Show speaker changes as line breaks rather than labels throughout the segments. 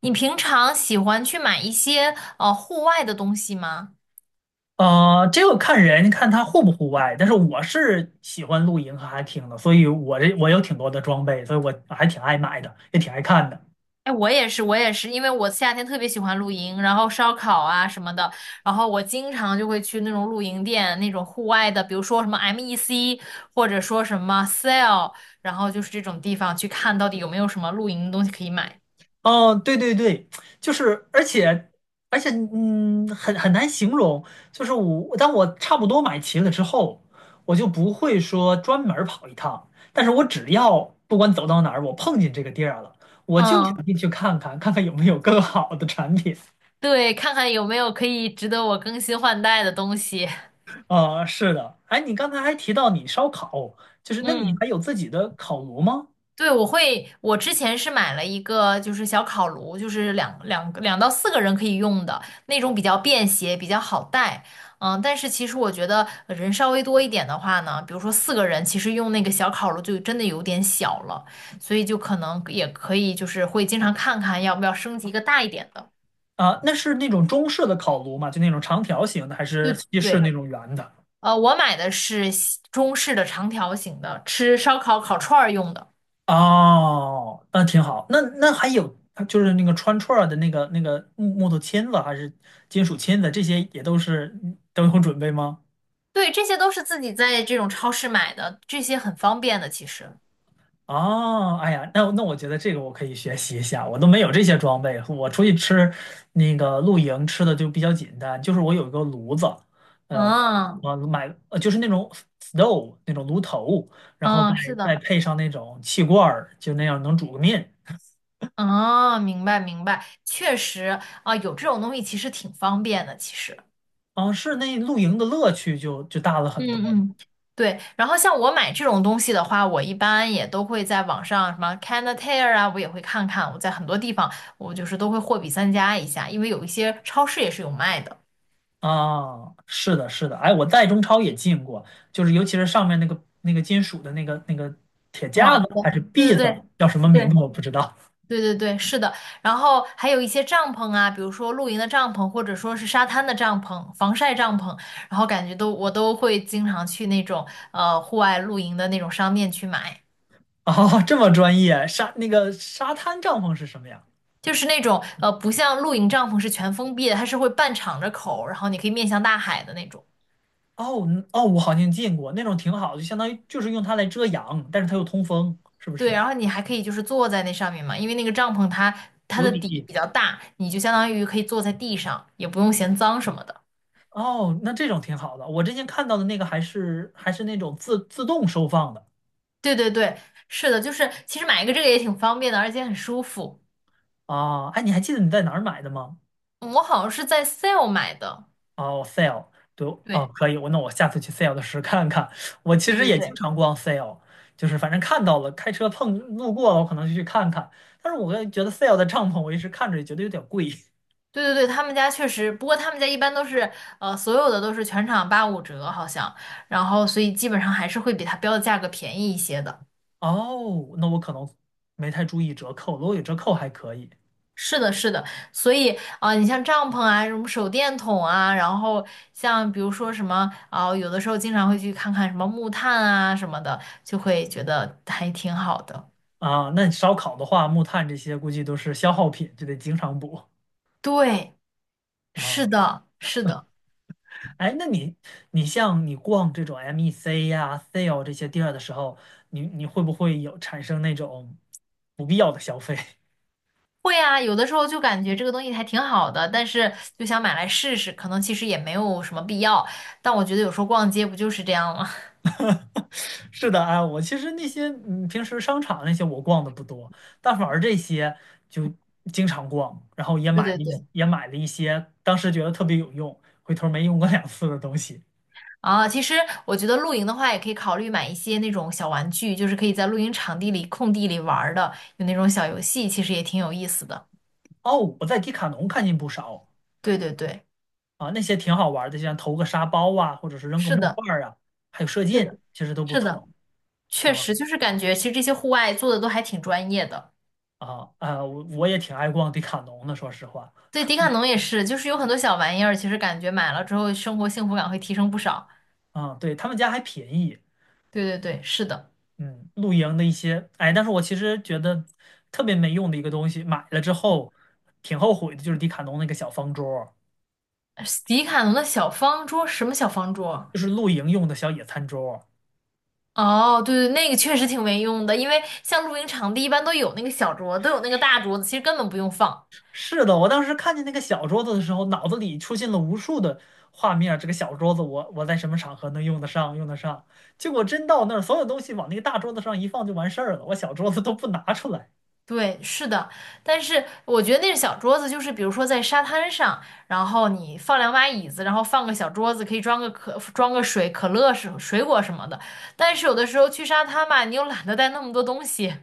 你平常喜欢去买一些户外的东西吗？
这个看人，看他户不户外。但是我是喜欢露营和 hiking 的，所以我有挺多的装备，所以我还挺爱买的，也挺爱看的。
哎，我也是，我也是，因为我夏天特别喜欢露营，然后烧烤啊什么的，然后我经常就会去那种露营店，那种户外的，比如说什么 MEC，或者说什么 Sale，然后就是这种地方去看到底有没有什么露营的东西可以买。
哦，对对对，就是，而且而且,很难形容。就是我，当我差不多买齐了之后，我就不会说专门儿跑一趟，但是我只要不管走到哪儿，我碰见这个地儿了，我就想
嗯，
进去看看，看看有没有更好的产品。
对，看看有没有可以值得我更新换代的东西。
啊，是的，哎，你刚才还提到你烧烤，就是那你还
嗯。
有自己的烤炉吗？
对，我会，我之前是买了一个，就是小烤炉，就是2到4个人可以用的那种，比较便携，比较好带。嗯，但是其实我觉得人稍微多一点的话呢，比如说四个人，其实用那个小烤炉就真的有点小了，所以就可能也可以，就是会经常看看要不要升级一个大一点的。
啊，那是那种中式的烤炉吗？就那种长条形的，还是西式
对，
那种圆的？
我买的是西中式的长条形的，吃烧烤烤串儿用的。
哦，那挺好。那还有就是那个穿串儿的那个木头签子，还是金属签子，这些也都是都有准备吗？
对，这些都是自己在这种超市买的，这些很方便的，其实。
哦，哎呀，那我觉得这个我可以学习一下，我都没有这些装备，我出去吃那个露营吃的就比较简单，就是我有一个炉子，呃，
嗯
我买就是那种 stove 那种炉头，然后再
嗯，是
再
的，
配上那种气罐儿就那样能煮个面。
嗯，明白明白，确实啊，有这种东西其实挺方便的，其实，
啊，是那露营的乐趣就大了
嗯
很多了。
嗯，对。然后像我买这种东西的话，我一般也都会在网上什么 Canatair 啊，我也会看看，我在很多地方我就是都会货比三家一下，因为有一些超市也是有卖的，
啊，是的，是的，哎，我在中超也进过，就是尤其是上面那个金属的那个铁架子
网
还
购，
是
对
篦
对
子，叫什么名
对。
字我不知道。
对对对对，是的。然后还有一些帐篷啊，比如说露营的帐篷，或者说是沙滩的帐篷、防晒帐篷，然后感觉我都会经常去那种户外露营的那种商店去买，
哦，这么专业，沙那个沙滩帐篷是什么呀？
就是那种不像露营帐篷是全封闭的，它是会半敞着口，然后你可以面向大海的那种。
哦，嗯，哦，我好像见过那种挺好的，就相当于就是用它来遮阳，但是它又通风，是不
对，
是？
然后你还可以就是坐在那上面嘛，因为那个帐篷它
有
的底
底。
比较大，你就相当于可以坐在地上，也不用嫌脏什么的。
哦，那这种挺好的。我之前看到的那个还是那种自动收放的
对对对，是的，就是其实买一个这个也挺方便的，而且很舒服。
啊。哎，你还记得你在哪儿买的吗？
我好像是在 sale 买的，
哦，sale，对哦，
对，
可以，我下次去 sale 的时候看看。我其
对
实
对
也经
对，
常逛 sale，就是反正看到了，开车路过了，我可能就去看看。但是我觉得 sale 的帐篷，我一直看着也觉得有点贵。
对对对，他们家确实，不过他们家一般都是，所有的都是全场八五折，好像，然后所以基本上还是会比它标的价格便宜一些的。
哦，那我可能没太注意折扣，如果有折扣还可以
是的，是的，所以啊、你像帐篷啊，什么手电筒啊，然后像比如说什么啊、有的时候经常会去看看什么木炭啊什么的，就会觉得还挺好的。
啊。那你烧烤的话，木炭这些估计都是消耗品，就得经常补
对，是
啊。
的，是的。
哎，你像你逛这种 MEC 呀、sale 这些地儿的时候，你会不会有产生那种不必要的消费？
会啊，有的时候就感觉这个东西还挺好的，但是就想买来试试，可能其实也没有什么必要。但我觉得有时候逛街不就是这样吗？
是的，哎，我其实那些平时商场那些我逛的不多，但反而这些就经常逛，然后
对对对。
也买了一些当时觉得特别有用，回头没用过两次的东西。
啊，其实我觉得露营的话，也可以考虑买一些那种小玩具，就是可以在露营场地里、空地里玩儿的，有那种小游戏，其实也挺有意思的。
哦，我在迪卡侬看见不少
对对对，
啊，那些挺好玩的，像投个沙包啊，或者是扔个
是
木
的，
块儿啊，还有射
是
箭，
的，
其实都不
是的，
错。
确
啊
实就是感觉，其实这些户外做的都还挺专业的。
我也挺爱逛迪卡侬的，说实话。
对，迪卡侬也是，就是有很多小玩意儿，其实感觉买了之后，生活幸福感会提升不少。
啊，对他们家还便宜，
对对对，是的，
嗯，露营的一些，哎，但是我其实觉得特别没用的一个东西，买了之后挺后悔的，就是迪卡侬那个小方桌儿，
迪卡侬的小方桌，什么小方桌？
就是露营用的小野餐桌儿。
哦，对对，那个确实挺没用的，因为像露营场地一般都有那个小桌，都有那个大桌子，其实根本不用放。
是的，我当时看见那个小桌子的时候，脑子里出现了无数的画面儿，这个小桌子我，在什么场合能用得上？结果真到那儿，所有东西往那个大桌子上一放就完事儿了，我小桌子都不拿出来。
对，是的，但是我觉得那个小桌子，就是比如说在沙滩上，然后你放2把椅子，然后放个小桌子，可以装个水、可乐水果什么的。但是有的时候去沙滩吧，你又懒得带那么多东西，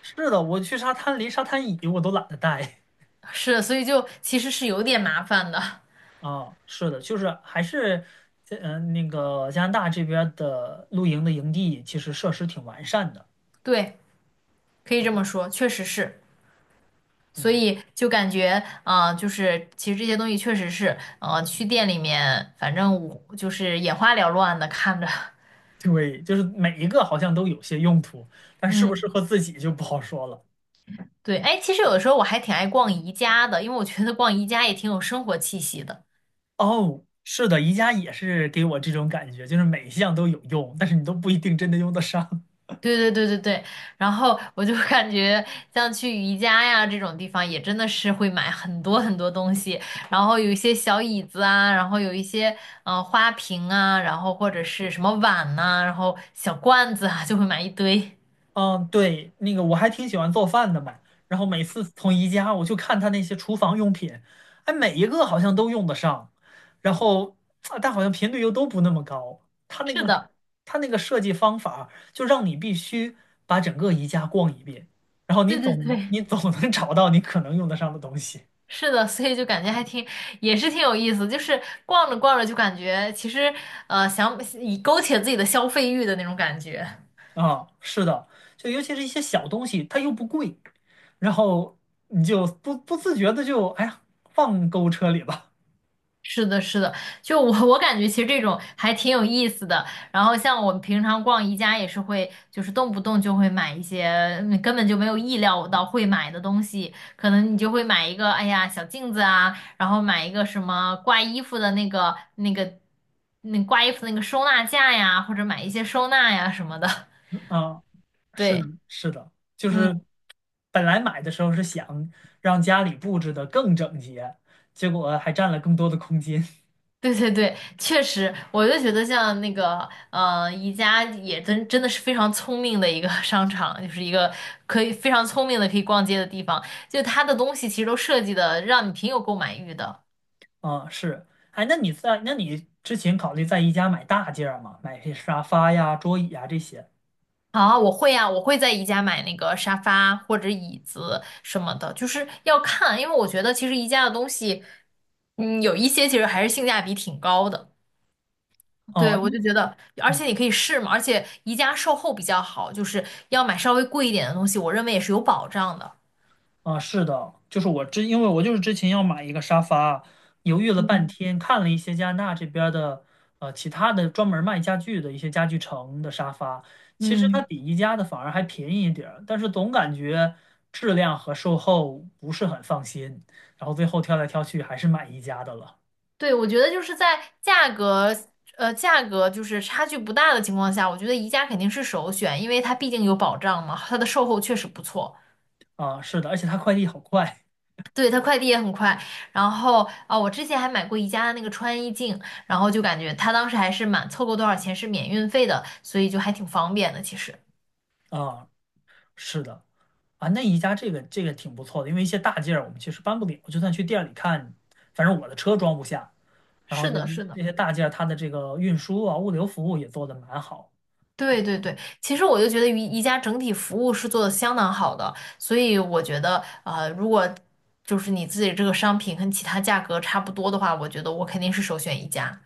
是的，我去沙滩，连沙滩椅我都懒得带。
是，所以就其实是有点麻烦的。
啊。是的，就是还是那个加拿大这边儿的露营的营地，其实设施挺完善的。
对，可以这么说，确实是。所
嗯，
以就感觉，啊，就是其实这些东西确实是，去店里面，反正我就是眼花缭乱的看着，
对，就是每一个好像都有些用途，但适不适
嗯，
合自己就不好说了。
对，哎，其实有的时候我还挺爱逛宜家的，因为我觉得逛宜家也挺有生活气息的。
哦，是的，宜家也是给我这种感觉，就是每一项都有用，但是你都不一定真的用得上。
对对对对对，然后我就感觉像去宜家呀这种地方，也真的是会买很多很多东西，然后有一些小椅子啊，然后有一些花瓶啊，然后或者是什么碗呐、然后小罐子啊，就会买一堆。
嗯，对，那个我还挺喜欢做饭的嘛，然后每次从宜家我就看他那些厨房用品，哎，每一个好像都用得上，然后啊但好像频率又都不那么高。他 那
是
个
的，
设计方法，就让你必须把整个宜家逛一遍，然后
对对对，
你总能 找到你可能用得上的东西。
是的，所以就感觉还挺，也是挺有意思。就是逛着逛着就感觉，其实想以勾起了自己的消费欲的那种感觉。
啊，是的，就尤其是一些小东西，它又不贵，然后你就不自觉的就哎呀放购物车里吧。
是的，是的，就我感觉其实这种还挺有意思的。然后像我们平常逛宜家也是会，就是动不动就会买一些根本就没有意料到会买的东西，可能你就会买一个，哎呀，小镜子啊，然后买一个什么挂衣服的那个那挂衣服那个收纳架呀，或者买一些收纳呀什么的。
啊，是的，
对，
是的，就是
嗯。
本来买的时候是想让家里布置的更整洁，结果还占了更多的空间。
对对对，确实，我就觉得像那个，宜家也真的是非常聪明的一个 商场，就是一个可以非常聪明的可以逛街的地方。就它的东西其实都设计的让你挺有购买欲的。
啊，是，哎，那你之前考虑在宜家买大件儿吗？买些沙发呀、桌椅呀这些？
啊，我会啊，我会在宜家买那个沙发或者椅子什么的，就是要看，因为我觉得其实宜家的东西，嗯，有一些其实还是性价比挺高的。
啊，
对，我就
嗯。
觉得，而且你可以试嘛，而且宜家售后比较好，就是要买稍微贵一点的东西，我认为也是有保障的。
啊，是的，就是我之，因为我就是之前要买一个沙发，犹豫了半
嗯，
天，看了一些加拿大这边儿的，呃，其他的专门卖家具的一些家具城的沙发，其实它
嗯，
比宜家的反而还便宜一点儿，但是总感觉质量和售后不是很放心，然后最后挑来挑去还是买宜家的了。
对，我觉得就是在价格，价格就是差距不大的情况下，我觉得宜家肯定是首选，因为它毕竟有保障嘛，它的售后确实不错，
啊，是的，而且他快递好快。
对，它快递也很快。然后啊，我之前还买过宜家的那个穿衣镜，然后就感觉它当时还是满凑够多少钱是免运费的，所以就还挺方便的。其实
啊，是的，啊，那宜家这个挺不错的，因为一些大件儿我们其实搬不了，就算去店里看，反正我的车装不下。然后
是
这
的，
些
是的。
这些大件儿，它的这个运输啊、物流服务也做得蛮好
对对对，其实我就觉得宜家整体服务是做的相当好的，所以我觉得，如果就是你自己这个商品跟其他价格差不多的话，我觉得我肯定是首选宜家。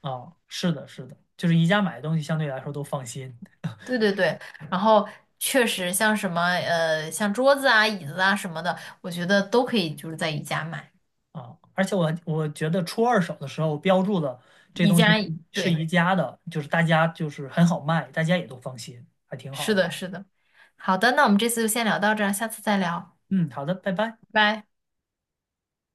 啊。是的，是的，就是宜家买的东西相对来说都放心
对对对，然后确实像什么，像桌子啊、椅子啊什么的，我觉得都可以就是在宜家买。
啊。而且我觉得出二手的时候标注的这
宜
东西是
家，
是
对，
宜家的，大家很好卖，大家也都放心，还挺好
是
的。
的，是的。好的，那我们这次就先聊到这儿，下次再聊，
嗯，好的，拜拜。
拜拜。